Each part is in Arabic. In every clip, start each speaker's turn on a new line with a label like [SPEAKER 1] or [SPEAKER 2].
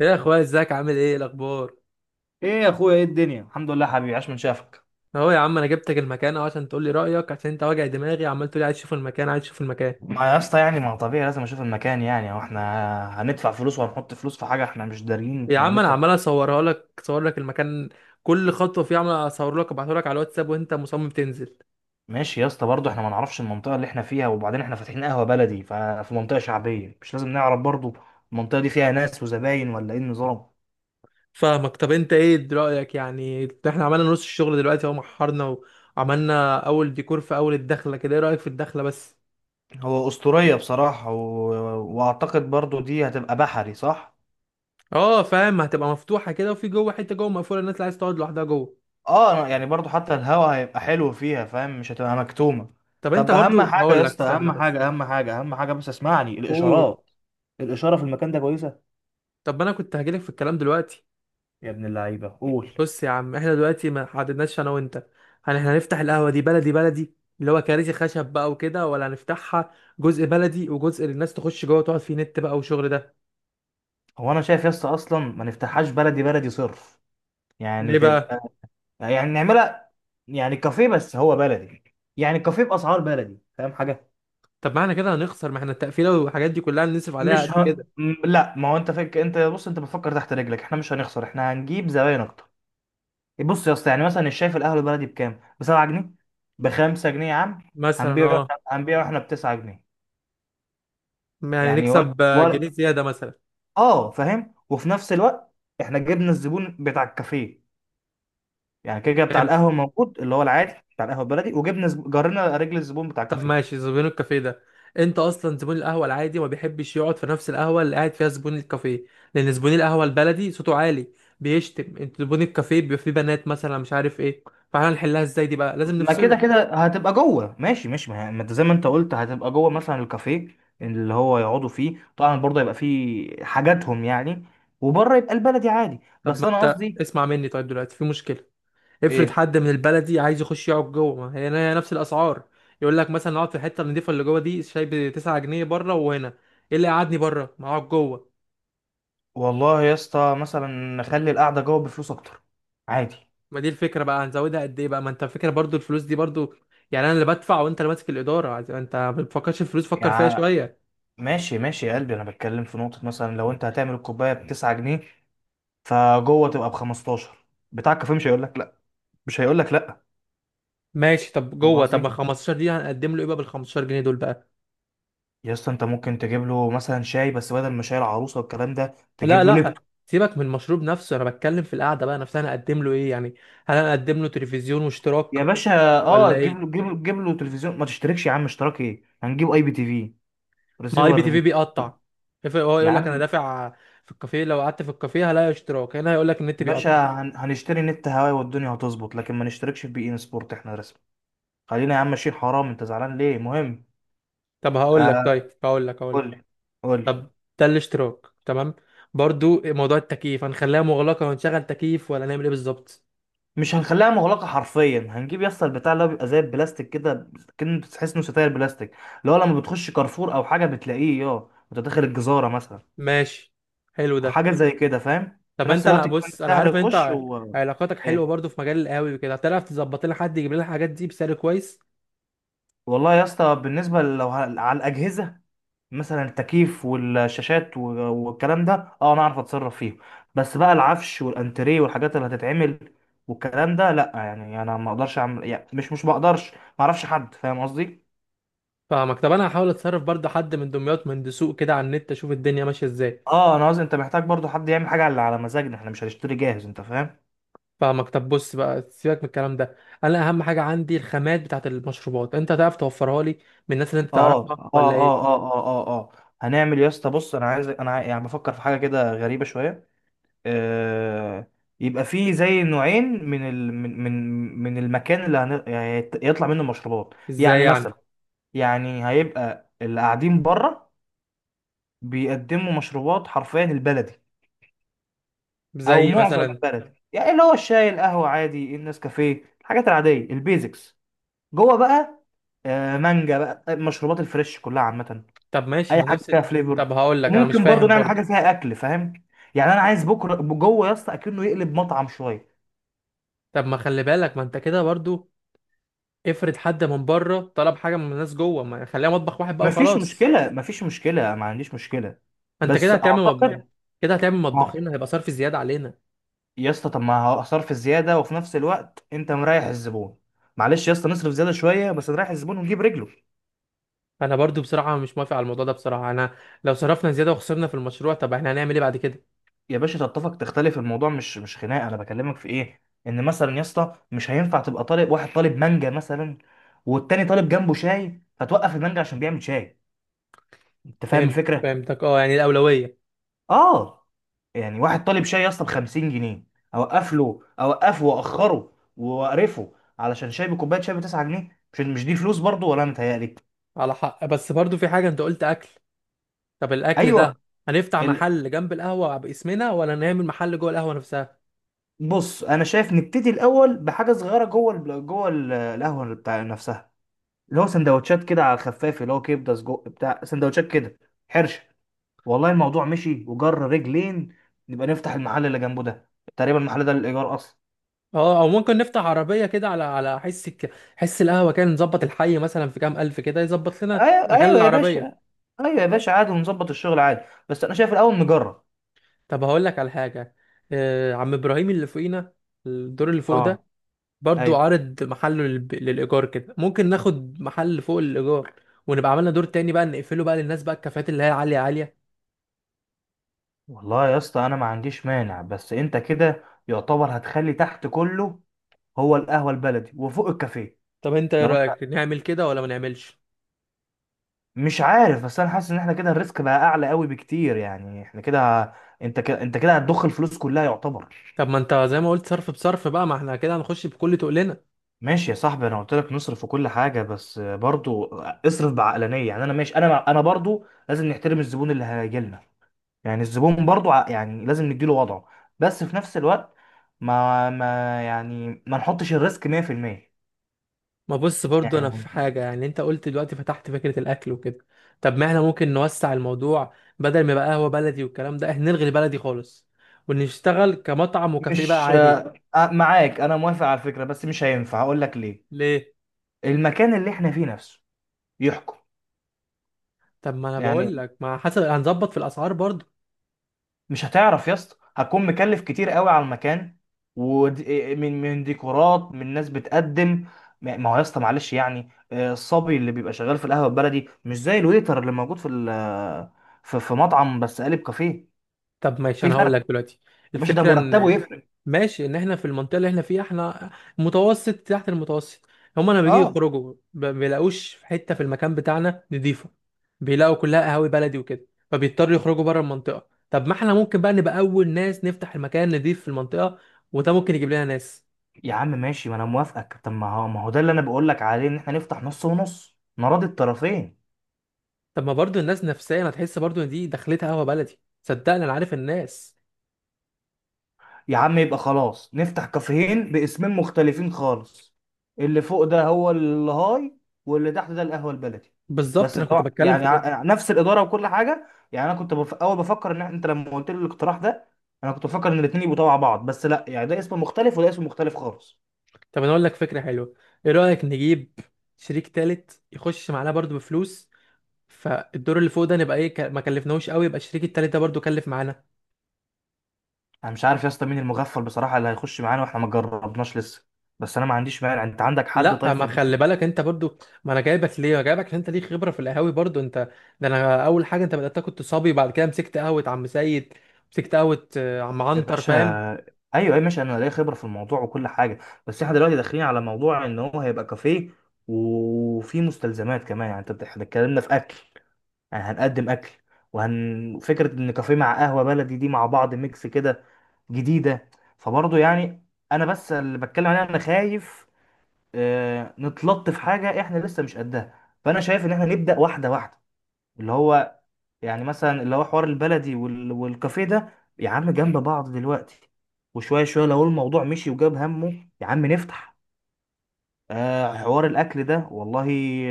[SPEAKER 1] يا اخويا، ازيك؟ عامل ايه؟ إيه الاخبار؟
[SPEAKER 2] ايه يا اخويا، ايه الدنيا، الحمد لله، حبيبي، عاش من شافك.
[SPEAKER 1] اهو يا عم انا جبتك المكان اهو عشان تقول لي رايك، عشان انت واجع دماغي عمال تقول لي عايز اشوف المكان عايز اشوف المكان.
[SPEAKER 2] ما يا اسطى يعني ما طبيعي، لازم اشوف المكان، يعني هو احنا هندفع فلوس وهنحط فلوس في حاجه احنا مش دارين
[SPEAKER 1] يا
[SPEAKER 2] احنا
[SPEAKER 1] عم انا
[SPEAKER 2] هندفع
[SPEAKER 1] عمال
[SPEAKER 2] فيها.
[SPEAKER 1] اصور لك المكان، كل خطوه فيه عمال اصور لك ابعته لك على الواتساب، وانت مصمم تنزل.
[SPEAKER 2] ماشي يا اسطى، برضه احنا ما نعرفش المنطقه اللي احنا فيها، وبعدين احنا فاتحين قهوه بلدي ففي منطقه شعبيه، مش لازم نعرف برضه؟ المنطقه دي فيها ناس وزباين ولا ايه النظام؟
[SPEAKER 1] فاهمك. طب انت ايه رايك؟ يعني احنا عملنا نص الشغل دلوقتي اهو، محرنا وعملنا اول ديكور في اول الدخله كده، ايه رايك في الدخله بس؟
[SPEAKER 2] هو اسطوريه بصراحه واعتقد برضه دي هتبقى بحري، صح؟
[SPEAKER 1] اه فاهم، هتبقى مفتوحه كده، وفي جوه حته جوه مقفوله، الناس اللي عايز تقعد لوحدها جوه.
[SPEAKER 2] يعني برضو حتى الهوا هيبقى حلو فيها، فاهم؟ مش هتبقى مكتومة.
[SPEAKER 1] طب انت
[SPEAKER 2] طب اهم
[SPEAKER 1] برضو
[SPEAKER 2] حاجة
[SPEAKER 1] هقول
[SPEAKER 2] يا
[SPEAKER 1] لك
[SPEAKER 2] اسطى،
[SPEAKER 1] استنى
[SPEAKER 2] اهم
[SPEAKER 1] بس.
[SPEAKER 2] حاجة، اهم حاجة، اهم حاجة، بس اسمعني،
[SPEAKER 1] قول.
[SPEAKER 2] الاشارات، الاشارة في المكان ده كويسة؟
[SPEAKER 1] طب ما انا كنت هجيلك في الكلام دلوقتي.
[SPEAKER 2] يا ابن اللعيبة قول.
[SPEAKER 1] بص يا عم، احنا دلوقتي ما حددناش انا وانت، هل احنا هنفتح القهوه دي بلدي بلدي، اللي هو كراسي خشب بقى وكده، ولا هنفتحها جزء بلدي وجزء للناس تخش جوه تقعد فيه نت بقى وشغل ده؟
[SPEAKER 2] هو انا شايف يا اسطى اصلا ما نفتحهاش بلدي بلدي صرف، يعني
[SPEAKER 1] ليه
[SPEAKER 2] تبقى،
[SPEAKER 1] بقى؟
[SPEAKER 2] يعني نعملها، يعني كافيه بس هو بلدي، يعني كافيه باسعار بلدي، فاهم حاجة؟
[SPEAKER 1] طب ما احنا كده هنخسر، ما احنا التقفيله والحاجات دي كلها هنصرف عليها
[SPEAKER 2] مش
[SPEAKER 1] قد
[SPEAKER 2] ه...
[SPEAKER 1] كده.
[SPEAKER 2] م- لا، ما هو انت فك... انت بص، انت بتفكر تحت رجلك، احنا مش هنخسر، احنا هنجيب زباين اكتر. بص يا اسطى، يعني مثلا الشاي في القهوه البلدي بكام؟ ب 7 جنيه، ب 5 جنيه يا عم.
[SPEAKER 1] مثلا
[SPEAKER 2] هنبيعه
[SPEAKER 1] اه.
[SPEAKER 2] هنبيعه احنا ب 9 جنيه.
[SPEAKER 1] يعني
[SPEAKER 2] يعني ولا
[SPEAKER 1] نكسب جنيه
[SPEAKER 2] ولا،
[SPEAKER 1] زياده مثلا.
[SPEAKER 2] اه فاهم، وفي نفس الوقت احنا جبنا الزبون بتاع الكافيه، يعني كده كده بتاع
[SPEAKER 1] فهمت؟
[SPEAKER 2] القهوه موجود اللي هو العادي بتاع القهوه البلدي، جرينا رجل الزبون بتاع
[SPEAKER 1] طب
[SPEAKER 2] الكافيه.
[SPEAKER 1] ماشي، زبون الكافيه ده، انت اصلا زبون القهوه العادي ما بيحبش يقعد في نفس القهوه اللي قاعد فيها زبون الكافيه، لان زبون القهوه البلدي صوته عالي بيشتم، انت زبون الكافيه بيبقى فيه بنات مثلا مش عارف ايه، فاحنا نحلها ازاي دي بقى؟ لازم
[SPEAKER 2] ما كده
[SPEAKER 1] نفصله.
[SPEAKER 2] كده هتبقى جوه، ماشي ماشي، ما انت زي ما انت قلت هتبقى جوه مثلا الكافيه اللي هو يقعدوا فيه طبعا، برضه هيبقى فيه حاجاتهم يعني، وبره يبقى البلدي عادي،
[SPEAKER 1] طب
[SPEAKER 2] بس
[SPEAKER 1] ما
[SPEAKER 2] انا
[SPEAKER 1] انت
[SPEAKER 2] قصدي...
[SPEAKER 1] اسمع مني، طيب دلوقتي في مشكله، افرض
[SPEAKER 2] ايه؟
[SPEAKER 1] حد من البلدي عايز يخش يقعد جوه، ما هي هي نفس الاسعار، يقول لك مثلا اقعد في الحته النضيفه اللي جوه دي، شاي ب 9 جنيه بره وهنا، ايه اللي قعدني بره؟ ما اقعد جوه.
[SPEAKER 2] والله يا اسطى مثلا نخلي القعده جوه بفلوس اكتر، عادي.
[SPEAKER 1] ما دي الفكره بقى، هنزودها قد ايه بقى؟ ما انت فكره برضو الفلوس دي برضو، يعني انا اللي بدفع وانت اللي ماسك انت ما بتفكرش الفلوس، فكر فيها
[SPEAKER 2] يعني
[SPEAKER 1] شويه.
[SPEAKER 2] ماشي ماشي يا قلبي، انا بتكلم في نقطه، مثلا لو انت هتعمل الكوبايه ب 9 جنيه، فجوه تبقى ب 15، بتاع الكافيه مش هيقول لك لا، مش هيقول لك لا.
[SPEAKER 1] ماشي طب
[SPEAKER 2] فاهم
[SPEAKER 1] جوه، طب
[SPEAKER 2] قصدي؟
[SPEAKER 1] ما 15 دي هنقدم له ايه بقى؟ بال 15 جنيه دول بقى.
[SPEAKER 2] يا اسطى انت ممكن تجيب له مثلا شاي بس بدل ما شاي العروسه والكلام ده
[SPEAKER 1] لا
[SPEAKER 2] تجيب له
[SPEAKER 1] لا،
[SPEAKER 2] لابتوب.
[SPEAKER 1] سيبك من المشروب نفسه، انا بتكلم في القعده بقى نفسها، هنقدم له ايه يعني؟ هل هنقدم له تلفزيون واشتراك
[SPEAKER 2] يا باشا، اه
[SPEAKER 1] ولا
[SPEAKER 2] تجيب له
[SPEAKER 1] ايه؟
[SPEAKER 2] تجيب له تجيب له تلفزيون، ما تشتركش يا عم، اشتراك ايه؟ هنجيب اي بي تي في
[SPEAKER 1] ما اي بي
[SPEAKER 2] ريسيفر
[SPEAKER 1] تي في
[SPEAKER 2] بي.
[SPEAKER 1] بيقطع، افرض هو
[SPEAKER 2] يا
[SPEAKER 1] يقول لك انا
[SPEAKER 2] عم،
[SPEAKER 1] دافع في الكافيه، لو قعدت في الكافيه هلاقي اشتراك هنا، هيقول لك النت بيقطع.
[SPEAKER 2] باشا، هنشتري نت هواي والدنيا هتظبط، لكن ما نشتركش في بي ان سبورت، احنا رسمي. خلينا يا عم ماشيين، حرام، انت زعلان ليه؟ مهم.
[SPEAKER 1] طب هقول لك
[SPEAKER 2] آه،
[SPEAKER 1] طيب هقول لك هقول
[SPEAKER 2] قول
[SPEAKER 1] لك.
[SPEAKER 2] لي، قول لي.
[SPEAKER 1] طب ده الاشتراك تمام. برضو موضوع التكييف، هنخليها مغلقة ونشغل تكييف ولا نعمل ايه بالظبط؟
[SPEAKER 2] مش هنخليها مغلقه حرفيا، هنجيب يا اسطى البتاع اللي هو بيبقى زي البلاستيك كده، كأنه تحس انه ستاير بلاستيك، اللي هو لما بتخش كارفور او حاجه بتلاقيه، يا وانت داخل الجزاره مثلا،
[SPEAKER 1] ماشي، حلو ده.
[SPEAKER 2] حاجه زي كده، فاهم؟ في
[SPEAKER 1] طب
[SPEAKER 2] نفس
[SPEAKER 1] انت لا
[SPEAKER 2] الوقت يكون
[SPEAKER 1] بص، انا
[SPEAKER 2] سهل
[SPEAKER 1] عارف ان
[SPEAKER 2] الخش و...
[SPEAKER 1] علاقاتك حلوة
[SPEAKER 2] ايه؟
[SPEAKER 1] برضو في مجال القهاوي وكده، هتعرف تظبط لنا حد يجيب لنا الحاجات دي بسعر كويس.
[SPEAKER 2] والله يا اسطى بالنسبه على الاجهزه، مثلا التكييف والشاشات و... والكلام ده، اه انا اعرف اتصرف فيه، بس بقى العفش والانتريه والحاجات اللي هتتعمل والكلام ده، لا يعني انا ما اقدرش اعمل، يعني مش بقدرش، ما اعرفش حد، فاهم قصدي؟
[SPEAKER 1] فاهمك. طب انا هحاول اتصرف برضو، حد من دمياط من دسوق كده، على النت اشوف الدنيا ماشية ازاي.
[SPEAKER 2] اه، انا قصدي انت محتاج برضو حد يعمل حاجه على على مزاجنا، احنا مش هنشتري جاهز، انت فاهم؟
[SPEAKER 1] فاهمك. طب بص بقى، سيبك من الكلام ده، انا اهم حاجة عندي الخامات بتاعت المشروبات، انت هتعرف توفرها لي من الناس اللي انت
[SPEAKER 2] اه،
[SPEAKER 1] تعرفها
[SPEAKER 2] اه،
[SPEAKER 1] ولا
[SPEAKER 2] اه،
[SPEAKER 1] ايه؟
[SPEAKER 2] اه، اه، اه، اه. هنعمل يا اسطى، بص، انا عايز انا عاي- يعني بفكر في حاجه كده غريبه شويه. آه، يبقى فيه زي نوعين من ال... من من من المكان اللي يطلع منه المشروبات،
[SPEAKER 1] ازاي
[SPEAKER 2] يعني
[SPEAKER 1] يعني؟
[SPEAKER 2] مثلا... يعني هيبقى اللي قاعدين بره بيقدموا مشروبات حرفيا البلدي، او
[SPEAKER 1] زي
[SPEAKER 2] معظم
[SPEAKER 1] مثلا.
[SPEAKER 2] البلدي، يعني اللي هو الشاي، القهوه عادي، النسكافيه، الحاجات العاديه، البيزكس. جوه بقى، مانجا بقى، المشروبات الفريش كلها عامه،
[SPEAKER 1] طب ماشي،
[SPEAKER 2] اي
[SPEAKER 1] ما
[SPEAKER 2] حاجه
[SPEAKER 1] نفس.
[SPEAKER 2] فيها فليفر.
[SPEAKER 1] طب هقول لك، انا مش
[SPEAKER 2] وممكن برضو
[SPEAKER 1] فاهم
[SPEAKER 2] نعمل
[SPEAKER 1] برضو.
[SPEAKER 2] حاجه فيها اكل، فاهم؟ يعني انا عايز بكره جوه يا اسطى اكنه يقلب مطعم شويه.
[SPEAKER 1] طب ما خلي بالك، ما انت كده برضو، افرض حد من بره طلب حاجه من الناس جوه، ما خليها مطبخ واحد بقى
[SPEAKER 2] مفيش
[SPEAKER 1] وخلاص.
[SPEAKER 2] مشكلة، مفيش مشكلة، ما عنديش مشكلة.
[SPEAKER 1] ما انت كده
[SPEAKER 2] بس
[SPEAKER 1] هتعمل مطبخ،
[SPEAKER 2] أعتقد...
[SPEAKER 1] كده هتعمل
[SPEAKER 2] ما
[SPEAKER 1] مطبخين، هيبقى صرف زياده علينا.
[SPEAKER 2] يا اسطى طب ما هصرف الزيادة وفي نفس الوقت أنت مريح الزبون، معلش يا اسطى نصرف زيادة شوية بس نريح الزبون ونجيب رجله.
[SPEAKER 1] انا برضو بصراحه مش موافق على الموضوع ده، بصراحه انا لو صرفنا زياده وخسرنا في المشروع، طب احنا هنعمل ايه بعد كده؟
[SPEAKER 2] يا باشا، تتفق تختلف، الموضوع مش خناقة، أنا بكلمك في إيه؟ إن مثلا يا اسطى مش هينفع تبقى طالب واحد طالب مانجا مثلا، والتاني طالب جنبه شاي، فتوقف المانجا عشان بيعمل شاي، أنت فاهم
[SPEAKER 1] فهمت،
[SPEAKER 2] الفكرة؟
[SPEAKER 1] فهمتك اه، يعني الاولويه.
[SPEAKER 2] اه يعني واحد طالب شاي يا اسطى ب 50 جنيه، اوقف له، اوقفه، واخره، واقرفه علشان شاي، بكوبايه شاي ب 9 جنيه؟ مش دي فلوس برضو؟ ولا أنا متهيألي؟
[SPEAKER 1] على حق، بس برضو في حاجه، انت قلت اكل، طب الاكل
[SPEAKER 2] ايوه،
[SPEAKER 1] ده هنفتح
[SPEAKER 2] ال...
[SPEAKER 1] محل جنب القهوه باسمنا ولا نعمل محل جوه القهوه نفسها؟
[SPEAKER 2] بص انا شايف نبتدي الاول بحاجه صغيره جوه القهوه اللي بتاع نفسها، اللي هو سندوتشات كده على الخفاف، اللي هو كبده، سجق، بتاع سندوتشات كده، حرشه. والله الموضوع مشي وجر رجلين، نبقى نفتح المحل اللي جنبه ده، تقريبا المحل ده للايجار اصلا.
[SPEAKER 1] اه، او ممكن نفتح عربيه كده على على حس القهوه كده، نظبط الحي مثلا في كام الف كده يظبط لنا
[SPEAKER 2] ايوه،
[SPEAKER 1] مكان
[SPEAKER 2] ايوه يا
[SPEAKER 1] العربيه.
[SPEAKER 2] باشا، ايوه يا باشا عادي، ونظبط الشغل عادي، بس انا شايف الاول نجرب.
[SPEAKER 1] طب هقول لك على حاجه، آه عم ابراهيم اللي فوقينا، الدور اللي فوق ده
[SPEAKER 2] اه،
[SPEAKER 1] برضو
[SPEAKER 2] ايوه
[SPEAKER 1] عارض محله للايجار كده، ممكن ناخد محل فوق الايجار، ونبقى عملنا دور تاني بقى نقفله بقى للناس بقى، الكافيهات اللي هي عاليه عاليه.
[SPEAKER 2] والله يا اسطى انا ما عنديش مانع، بس انت كده يعتبر هتخلي تحت كله هو القهوه البلدي وفوق الكافيه.
[SPEAKER 1] طب انت ايه
[SPEAKER 2] لو انت...
[SPEAKER 1] رايك، نعمل كده ولا ما نعملش؟
[SPEAKER 2] مش عارف، بس انا حاسس ان احنا كده الريسك بقى اعلى قوي بكتير، يعني احنا كده، انت كده هتضخ الفلوس كلها يعتبر.
[SPEAKER 1] طب ما انت زي ما قلت، صرف بصرف بقى، ما احنا كده هنخش بكل تقلنا.
[SPEAKER 2] ماشي يا صاحبي، انا قلت لك نصرف في كل حاجه، بس برضو اصرف بعقلانيه، يعني انا ماشي، انا برضو لازم نحترم الزبون اللي هيجي لنا، يعني الزبون برضو يعني لازم نديله وضعه، بس في نفس الوقت ما يعني ما نحطش الريسك 100%.
[SPEAKER 1] ما بص برضو، انا في
[SPEAKER 2] يعني
[SPEAKER 1] حاجه، يعني انت قلت دلوقتي فتحت فكره الاكل وكده، طب ما احنا ممكن نوسع الموضوع، بدل ما يبقى قهوه بلدي والكلام ده، احنا نلغي البلدي خالص ونشتغل كمطعم وكافيه بقى
[SPEAKER 2] مش...
[SPEAKER 1] عادي.
[SPEAKER 2] معاك، انا موافق على الفكرة، بس مش هينفع، هقول لك ليه،
[SPEAKER 1] ليه؟
[SPEAKER 2] المكان اللي احنا فيه نفسه يحكم.
[SPEAKER 1] طب ما انا بقول
[SPEAKER 2] يعني
[SPEAKER 1] لك، ما حسب هنظبط في الاسعار برضو.
[SPEAKER 2] مش هتعرف يا اسطى، هتكون مكلف كتير قوي على المكان، ومن ديكورات، من ناس بتقدم. ما هو يا اسطى معلش، يعني الصبي اللي بيبقى شغال في القهوه البلدي مش زي الويتر اللي موجود في ال- في في مطعم بس قالب كافيه،
[SPEAKER 1] طب ماشي،
[SPEAKER 2] في
[SPEAKER 1] انا هقول
[SPEAKER 2] فرق،
[SPEAKER 1] لك دلوقتي
[SPEAKER 2] يا باشا ده
[SPEAKER 1] الفكره
[SPEAKER 2] مرتبه
[SPEAKER 1] ان،
[SPEAKER 2] يفرق.
[SPEAKER 1] ماشي، ان احنا في المنطقه اللي احنا فيها، احنا متوسط تحت المتوسط، هما لما بيجوا
[SPEAKER 2] اه
[SPEAKER 1] ما بيلاقوش في حته في المكان بتاعنا نضيفه، بيلاقوا كلها قهاوي بلدي وكده، فبيضطروا يخرجوا بره المنطقه، طب ما احنا ممكن بقى نبقى اول ناس نفتح المكان نضيف في المنطقه، وده ممكن يجيب لنا ناس.
[SPEAKER 2] يا عم ماشي، ما انا موافقك، طب ما هو ده اللي انا بقول لك عليه، ان احنا نفتح نص ونص، نراضي الطرفين.
[SPEAKER 1] طب ما برضو الناس نفسيا هتحس برضو ان دي دخلتها قهوه بلدي، صدقني انا عارف الناس.
[SPEAKER 2] يا عم يبقى خلاص نفتح كافيهين باسمين مختلفين خالص، اللي فوق ده هو الهاي، واللي تحت ده القهوة البلدي.
[SPEAKER 1] بالظبط،
[SPEAKER 2] بس
[SPEAKER 1] انا كنت
[SPEAKER 2] طبعا
[SPEAKER 1] بتكلم
[SPEAKER 2] يعني
[SPEAKER 1] في كده.
[SPEAKER 2] نفس الإدارة وكل حاجة، يعني أنا كنت بف... أول بفكر إن إحنا- أنت لما قلت لي الاقتراح ده، أنا كنت بفكر إن الاتنين يبقوا تبع بعض، بس لا، يعني ده اسم مختلف وده اسم مختلف خالص.
[SPEAKER 1] طب انا اقول لك فكره حلوه، ايه رايك نجيب شريك تالت يخش معانا برضو بفلوس، فالدور اللي فوق ده نبقى ما كلفناهوش قوي، يبقى الشريك التالت ده برضو كلف معانا.
[SPEAKER 2] أنا مش عارف يا اسطى مين المغفل بصراحة اللي هيخش معانا وإحنا ما جربناش لسه، بس أنا ما عنديش مانع، أنت عندك حد طيب
[SPEAKER 1] لا ما
[SPEAKER 2] في
[SPEAKER 1] خلي
[SPEAKER 2] دماغك؟
[SPEAKER 1] بالك انت برضو، ما انا جايبك ليه؟ انا جايبك عشان انت ليك خبره في القهاوي برضو انت، ده انا اول حاجه انت بدات كنت صبي، بعد كده مسكت قهوه عم سيد، مسكت قهوه عم
[SPEAKER 2] يا
[SPEAKER 1] عنتر،
[SPEAKER 2] باشا،
[SPEAKER 1] فاهم.
[SPEAKER 2] ايوه، اي ماشي، انا ليا خبره في الموضوع وكل حاجه، بس احنا دلوقتي داخلين على موضوع ان هو هيبقى كافيه، وفي مستلزمات كمان يعني، اتكلمنا في اكل، يعني هنقدم اكل، وهن فكره ان كافيه مع قهوه بلدي دي مع بعض ميكس كده جديده، فبرضه يعني، انا بس اللي بتكلم عليه، انا خايف نتلط في حاجه احنا لسه مش قدها، فانا شايف ان احنا نبدا واحده واحده، اللي هو يعني مثلا اللي هو حوار البلدي والكافيه ده، يا عم، جنب بعض دلوقتي، وشوية شوية لو الموضوع مشي وجاب همه، يا عم نفتح، آه حوار الأكل ده، والله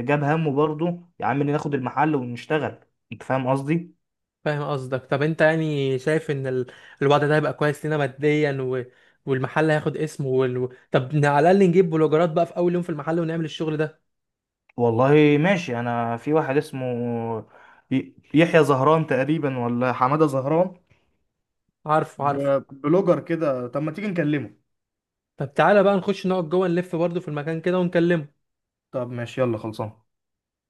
[SPEAKER 2] جاب همه برضه، يا عم ناخد المحل ونشتغل، أنت فاهم قصدي؟
[SPEAKER 1] فاهم قصدك. طب انت يعني شايف ان الوضع ده هيبقى كويس لنا ماديا والمحل هياخد اسمه طب على الاقل نجيب بلوجرات بقى في اول يوم في المحل ونعمل الشغل ده.
[SPEAKER 2] والله ماشي، أنا في واحد اسمه، يحيى زهران تقريبا، ولا حمادة زهران،
[SPEAKER 1] عارفه عارفه.
[SPEAKER 2] بلوجر كده، طب ما تيجي نكلمه.
[SPEAKER 1] طب تعالى بقى نخش نقعد جوه، نلف برضه في المكان كده ونكلمه.
[SPEAKER 2] طب ماشي، يلا خلصان.